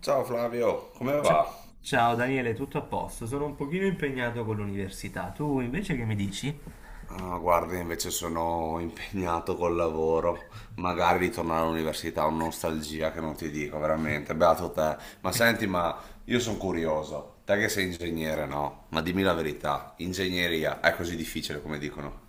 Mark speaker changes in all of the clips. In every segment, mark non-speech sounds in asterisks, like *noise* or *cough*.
Speaker 1: Ciao Flavio, come
Speaker 2: Ci-
Speaker 1: va?
Speaker 2: Ciao Daniele, tutto a posto? Sono un pochino impegnato con l'università. Tu invece che mi dici?
Speaker 1: Ah, guarda, invece sono impegnato col lavoro. Magari ritornare all'università è una nostalgia che non ti dico, veramente. Beato te. Ma senti, ma io sono curioso. Te che sei ingegnere, no? Ma dimmi la verità, ingegneria è così difficile come dicono?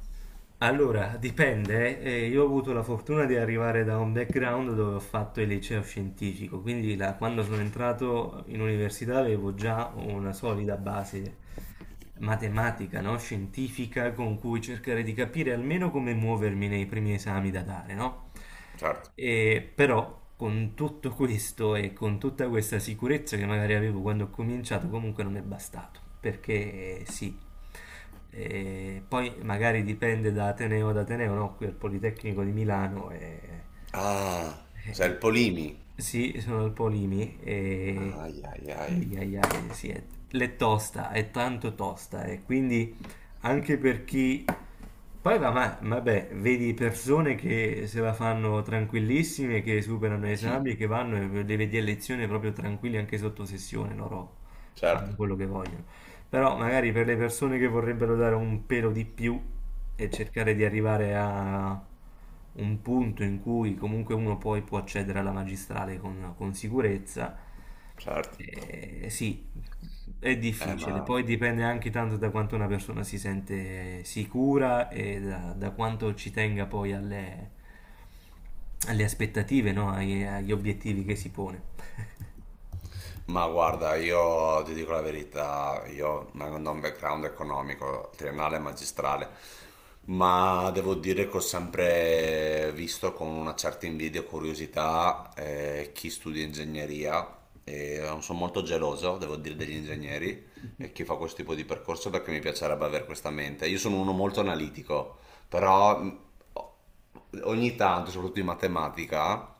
Speaker 2: Allora, dipende, io ho avuto la fortuna di arrivare da un background dove ho fatto il liceo scientifico, quindi quando sono entrato in università avevo già una solida base matematica, no? Scientifica con cui cercare di capire almeno come muovermi nei primi esami da dare, no?
Speaker 1: Certo.
Speaker 2: E però con tutto questo e con tutta questa sicurezza che magari avevo quando ho cominciato, comunque non è bastato, perché sì. E poi magari dipende da Ateneo ad Ateneo, no? Qui al Politecnico di Milano e,
Speaker 1: Ah, sei il
Speaker 2: e-
Speaker 1: Polimi.
Speaker 2: sì, sono al Polimi e
Speaker 1: Ai ai ai.
Speaker 2: ai ai ai, sì, è, l'è tosta, è tanto tosta e quindi anche per chi poi va, ma, vabbè, vedi persone che se la fanno tranquillissime, che superano gli esami, che vanno e le vedi a lezione proprio tranquilli anche sotto sessione, loro
Speaker 1: Certo,
Speaker 2: fanno quello che vogliono. Però magari per le persone che vorrebbero dare un pelo di più e cercare di arrivare a un punto in cui comunque uno poi può accedere alla magistrale con sicurezza,
Speaker 1: certo.
Speaker 2: sì, è
Speaker 1: Eh,
Speaker 2: difficile.
Speaker 1: ma
Speaker 2: Poi dipende anche tanto da quanto una persona si sente sicura e da, da quanto ci tenga poi alle, alle aspettative, no? Agli obiettivi che si pone.
Speaker 1: Ma guarda, io ti dico la verità, io non ho un background economico, triennale e magistrale, ma devo dire che ho sempre visto con una certa invidia e curiosità chi studia ingegneria e non sono molto geloso, devo dire, degli ingegneri e chi fa questo tipo di percorso perché mi piacerebbe avere questa mente. Io sono uno molto analitico, però ho ogni tanto, soprattutto in matematica,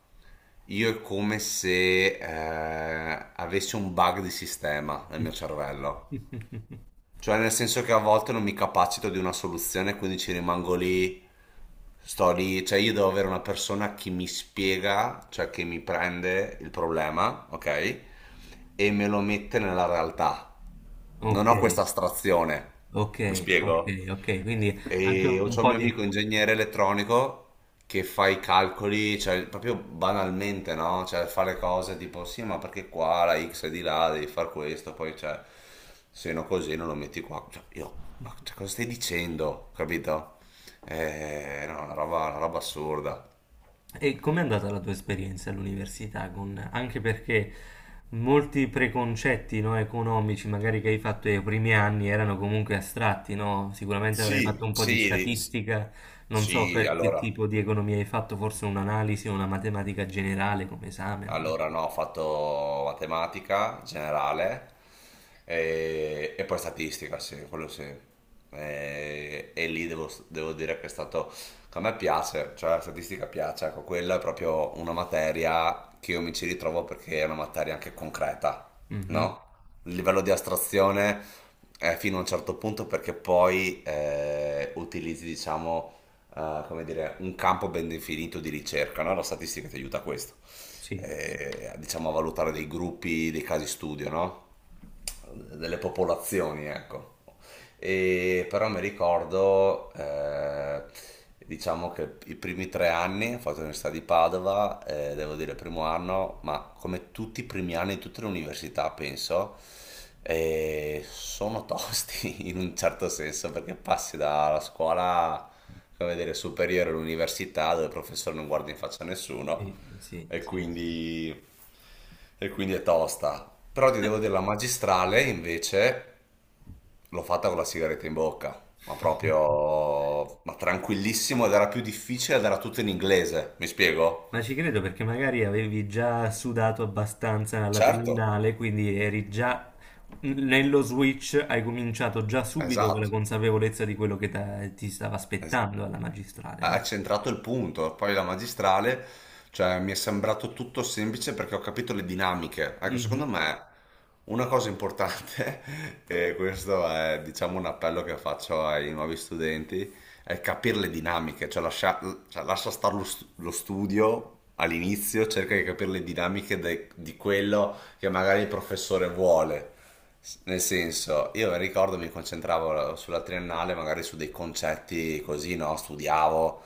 Speaker 1: io è come se avessi un bug di sistema nel mio cervello.
Speaker 2: *laughs*
Speaker 1: Cioè, nel senso che a volte non mi capacito di una soluzione, quindi ci rimango lì, sto lì, cioè io devo avere una persona che mi spiega, cioè che mi prende il problema, ok? E me lo mette nella realtà. Non
Speaker 2: Ok,
Speaker 1: ho questa astrazione.
Speaker 2: ok,
Speaker 1: Mi
Speaker 2: ok,
Speaker 1: spiego?
Speaker 2: ok, quindi anche
Speaker 1: E ho
Speaker 2: un
Speaker 1: c'ho un
Speaker 2: po'
Speaker 1: mio
Speaker 2: di...
Speaker 1: amico ingegnere elettronico che fa i calcoli, cioè proprio banalmente, no? Cioè fa le cose tipo sì, ma perché qua la X è di là, devi far questo, poi cioè, se no così non lo metti qua. Cioè, io, ma cioè, cosa stai dicendo? Capito? No, una roba assurda.
Speaker 2: E com'è andata la tua esperienza all'università? Con... Anche perché molti preconcetti, no, economici, magari che hai fatto nei primi anni, erano comunque astratti, no? Sicuramente avrei fatto
Speaker 1: Sì,
Speaker 2: un po' di
Speaker 1: sì,
Speaker 2: statistica, non so
Speaker 1: sì,
Speaker 2: per che
Speaker 1: allora.
Speaker 2: tipo di economia hai fatto, forse un'analisi o una matematica generale come esame. Non
Speaker 1: Allora, no, ho fatto matematica generale e poi statistica, sì, quello sì. E lì devo dire che è stato, che a me piace, cioè la statistica piace, ecco, quella è proprio una materia che io mi ci ritrovo perché è una materia anche concreta,
Speaker 2: so. Mhm.
Speaker 1: no? Il livello di astrazione è fino a un certo punto perché poi utilizzi, diciamo come dire, un campo ben definito di ricerca, no? La statistica ti aiuta a questo,
Speaker 2: Sì,
Speaker 1: diciamo a valutare dei gruppi, dei casi studio, no? Delle popolazioni, ecco. E però mi ricordo, diciamo che i primi 3 anni ho fatto l'università di Padova, devo dire primo anno, ma come tutti i primi anni di tutte le università, penso, sono tosti *laughs* in un certo senso, perché passi dalla scuola, come dire, superiore all'università, dove il professore non guarda in faccia a nessuno,
Speaker 2: sì, sì,
Speaker 1: e
Speaker 2: sì, sì.
Speaker 1: quindi, e quindi è tosta. Però ti devo dire, la magistrale invece l'ho fatta con la sigaretta in bocca, ma
Speaker 2: *laughs*
Speaker 1: proprio, ma tranquillissimo ed era più difficile ed era tutto in inglese, mi spiego?
Speaker 2: Ma ci credo perché magari avevi già sudato abbastanza alla
Speaker 1: Certo,
Speaker 2: triennale, quindi eri già nello switch, hai cominciato già subito con la
Speaker 1: esatto,
Speaker 2: consapevolezza di quello che ti stava
Speaker 1: es-
Speaker 2: aspettando alla magistrale,
Speaker 1: ha
Speaker 2: no?
Speaker 1: centrato il punto. Poi la magistrale, cioè, mi è sembrato tutto semplice perché ho capito le dinamiche. Ecco, secondo
Speaker 2: Mhm,
Speaker 1: me una cosa importante, *laughs* e questo è, diciamo, un appello che faccio ai nuovi studenti, è capire le dinamiche, cioè, lascia stare lo studio. All'inizio cerca di capire le dinamiche di quello che magari il professore vuole, nel senso, io ricordo mi concentravo sulla triennale, magari su dei concetti così, no? Studiavo,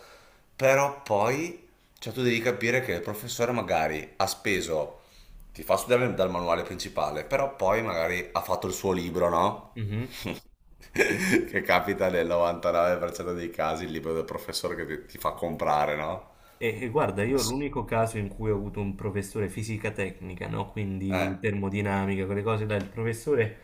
Speaker 1: però poi, cioè tu devi capire che il professore magari ha speso, ti fa studiare dal manuale principale, però poi magari ha fatto il suo libro, no?
Speaker 2: mhm.
Speaker 1: *laughs* Che capita nel 99% dei casi il libro del professore che ti fa comprare, no?
Speaker 2: E guarda, io
Speaker 1: S-
Speaker 2: l'unico caso in cui ho avuto un professore fisica tecnica, no? Quindi
Speaker 1: Eh,
Speaker 2: termodinamica, quelle cose, dai, il professore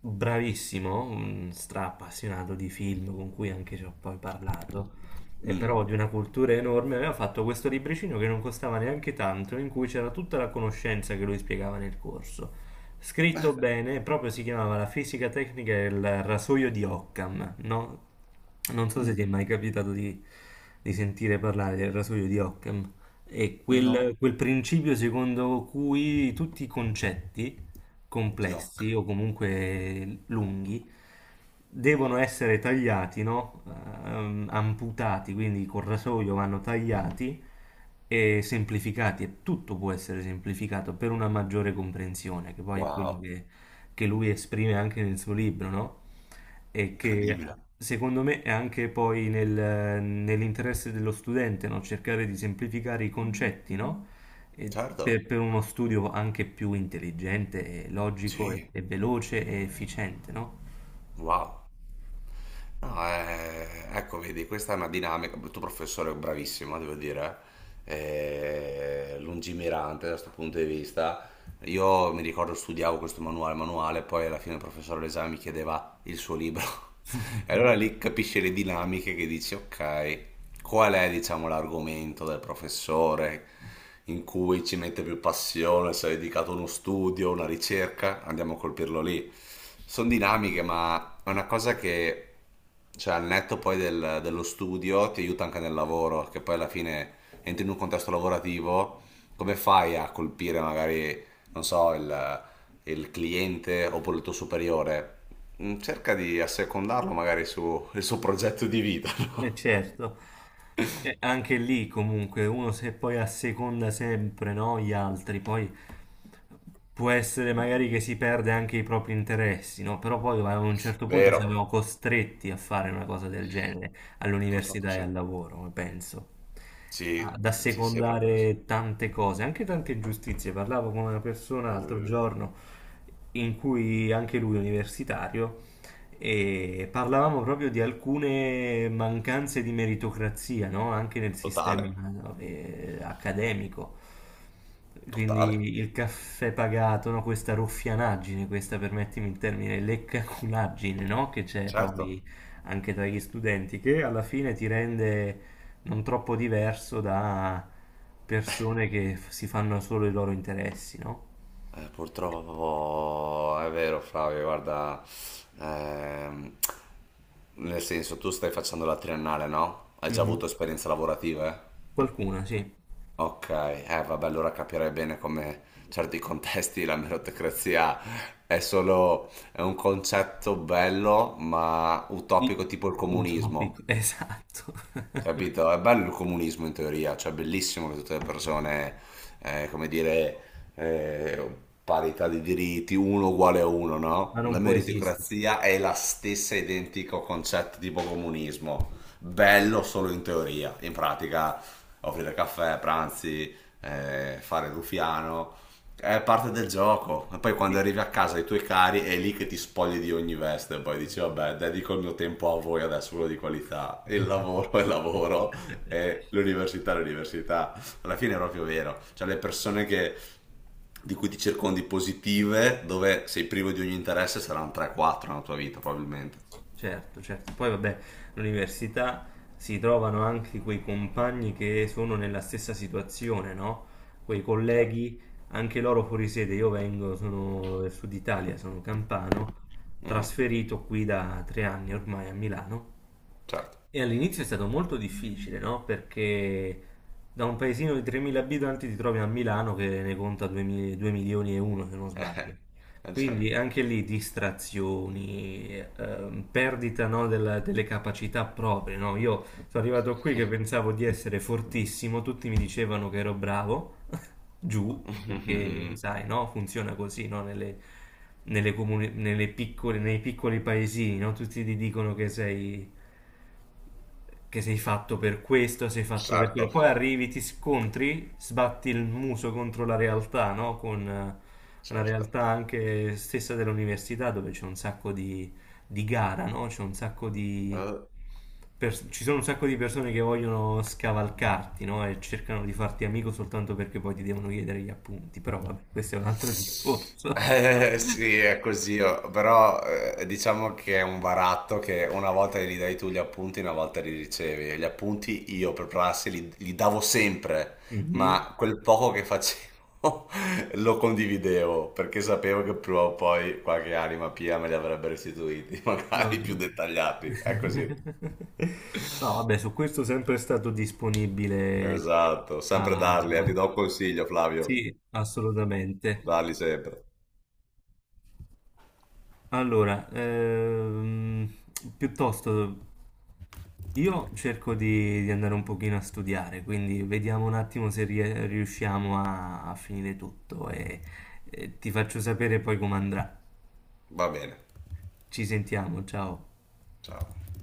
Speaker 2: bravissimo, un stra appassionato di film con cui anche ci ho poi parlato. E
Speaker 1: mm,
Speaker 2: però di una cultura enorme, aveva fatto questo libricino che non costava neanche tanto, in cui c'era tutta la conoscenza che lui spiegava nel corso. Scritto bene, proprio si chiamava La fisica tecnica e il rasoio di Occam, no? Non so se
Speaker 1: mm,
Speaker 2: ti è mai capitato di sentire parlare del rasoio di Occam. È quel,
Speaker 1: no,
Speaker 2: quel principio secondo cui tutti i concetti
Speaker 1: di
Speaker 2: complessi
Speaker 1: Occam.
Speaker 2: o comunque lunghi devono essere tagliati, no? Amputati, quindi col rasoio vanno tagliati e semplificati e tutto può essere semplificato per una maggiore comprensione, che poi è quello
Speaker 1: Wow,
Speaker 2: che lui esprime anche nel suo libro, no? E che
Speaker 1: incredibile.
Speaker 2: secondo me è anche poi nell'interesse dello studente, no? Cercare di semplificare i concetti, no? E
Speaker 1: Certo,
Speaker 2: per uno studio anche più intelligente, e logico
Speaker 1: sì,
Speaker 2: e veloce e efficiente, no?
Speaker 1: wow. No, ecco, vedi, questa è una dinamica. Il tuo professore è bravissimo, devo dire, lungimirante da questo punto di vista. Io mi ricordo studiavo questo manuale, poi alla fine il professore all'esame mi chiedeva il suo libro. *laughs* E allora lì capisci le dinamiche che dici, ok, qual è, diciamo, l'argomento del professore in cui ci mette più passione, si è dedicato a uno studio, una ricerca, andiamo a colpirlo lì. Sono dinamiche, ma è una cosa che cioè, al netto poi dello studio ti aiuta anche nel lavoro, che poi alla fine entri in un contesto lavorativo, come fai a colpire magari, non so, il cliente oppure il tuo superiore? Cerca di assecondarlo magari sul suo progetto di vita, *laughs* no?
Speaker 2: Certo, e anche lì comunque uno se poi asseconda sempre no, gli altri, poi può essere magari che si perde anche i propri interessi, no? Però poi a un certo punto
Speaker 1: Vero,
Speaker 2: siamo costretti a fare una cosa del genere
Speaker 1: purtroppo
Speaker 2: all'università e
Speaker 1: sì.
Speaker 2: al lavoro, penso,
Speaker 1: Sì,
Speaker 2: ad
Speaker 1: sì, sì, è proprio così.
Speaker 2: assecondare tante cose, anche tante ingiustizie. Parlavo con una persona l'altro
Speaker 1: Eh,
Speaker 2: giorno in cui anche lui è universitario e parlavamo proprio di alcune mancanze di meritocrazia, no? Anche nel sistema
Speaker 1: Totale,
Speaker 2: accademico.
Speaker 1: totale.
Speaker 2: Quindi il caffè pagato, no? Questa ruffianaggine, questa, permettimi il termine, leccaculaggine, no? Che c'è poi
Speaker 1: Certo.
Speaker 2: anche tra gli studenti, che alla fine ti rende non troppo diverso da persone che si fanno solo i loro interessi, no?
Speaker 1: Purtroppo è vero, Flavio, guarda, ehm, nel senso tu stai facendo la triennale, no? Hai già
Speaker 2: Mhm.
Speaker 1: avuto esperienze lavorative?
Speaker 2: Qualcuna, sì.
Speaker 1: Ok, eh vabbè, allora capirei bene come certi contesti la meritocrazia è solo è un concetto bello ma utopico
Speaker 2: Sì,
Speaker 1: tipo il comunismo.
Speaker 2: utopico, *laughs* esatto. *laughs*
Speaker 1: Capito? È bello il comunismo in teoria, cioè è bellissimo che tutte le persone, come dire, eh, parità di diritti, uno uguale a uno,
Speaker 2: Ma
Speaker 1: no? La
Speaker 2: non può esistere.
Speaker 1: meritocrazia è la stessa identico concetto tipo comunismo, bello solo in teoria, in pratica offrire caffè, pranzi, fare il ruffiano, è parte del gioco. E poi quando
Speaker 2: Sì.
Speaker 1: arrivi a casa ai tuoi cari è lì che ti spogli di ogni veste. E poi dici, vabbè, dedico il mio tempo a voi adesso, quello di qualità. Il lavoro è lavoro e l'università è l'università. Alla fine è proprio vero. Cioè le persone che, di cui ti circondi positive, dove sei privo di ogni interesse, saranno 3-4 nella tua vita, probabilmente.
Speaker 2: Certo, certo. Poi vabbè, all'università si trovano anche quei compagni che sono nella stessa situazione, no? Quei
Speaker 1: Certo.
Speaker 2: colleghi, anche loro fuori sede. Io vengo, sono del sud Italia, sono campano,
Speaker 1: Mhm.
Speaker 2: trasferito qui da 3 anni ormai a Milano.
Speaker 1: Certo.
Speaker 2: E all'inizio è stato molto difficile, no? Perché da un paesino di 3.000 abitanti ti trovi a Milano che ne conta 2 milioni e uno, se non sbaglio.
Speaker 1: *laughs* Certo.
Speaker 2: Quindi anche lì distrazioni, perdita, no, delle capacità proprie, no? Io sono arrivato qui che pensavo di essere fortissimo, tutti mi dicevano che ero bravo, *laughs* giù, perché
Speaker 1: *laughs*
Speaker 2: sai, no? Funziona così, no? Nelle, nei piccoli paesini, no? Tutti ti dicono che sei fatto per questo, sei fatto per quello.
Speaker 1: Certo.
Speaker 2: Poi arrivi, ti scontri, sbatti il muso contro la realtà, no? Con la
Speaker 1: Certo.
Speaker 2: realtà anche stessa dell'università, dove c'è un sacco di gara, no? C'è un sacco di
Speaker 1: Eh,
Speaker 2: ci sono un sacco di persone che vogliono scavalcarti, no? E cercano di farti amico soltanto perché poi ti devono chiedere gli appunti. Però vabbè, questo è un altro discorso.
Speaker 1: Eh, sì,
Speaker 2: *laughs*
Speaker 1: è così, oh, però diciamo che è un baratto che una volta gli dai tu gli appunti, una volta li ricevi. E gli appunti io per prassi li davo sempre,
Speaker 2: Mhm.
Speaker 1: ma quel poco che facevo *laughs* lo condividevo perché sapevo che prima o poi qualche anima pia me li avrebbe restituiti, *laughs*
Speaker 2: No,
Speaker 1: magari più
Speaker 2: no,
Speaker 1: dettagliati. È così.
Speaker 2: *laughs* no, vabbè, su questo sempre è stato disponibile.
Speaker 1: Esatto, sempre
Speaker 2: a-
Speaker 1: darli, ti do un consiglio, Flavio,
Speaker 2: Sì, assolutamente.
Speaker 1: darli sempre.
Speaker 2: Allora, piuttosto io cerco di andare un pochino a studiare, quindi vediamo un attimo se riusciamo a, a finire tutto e ti faccio sapere poi come andrà.
Speaker 1: Va bene,
Speaker 2: Ci sentiamo, ciao.
Speaker 1: ciao.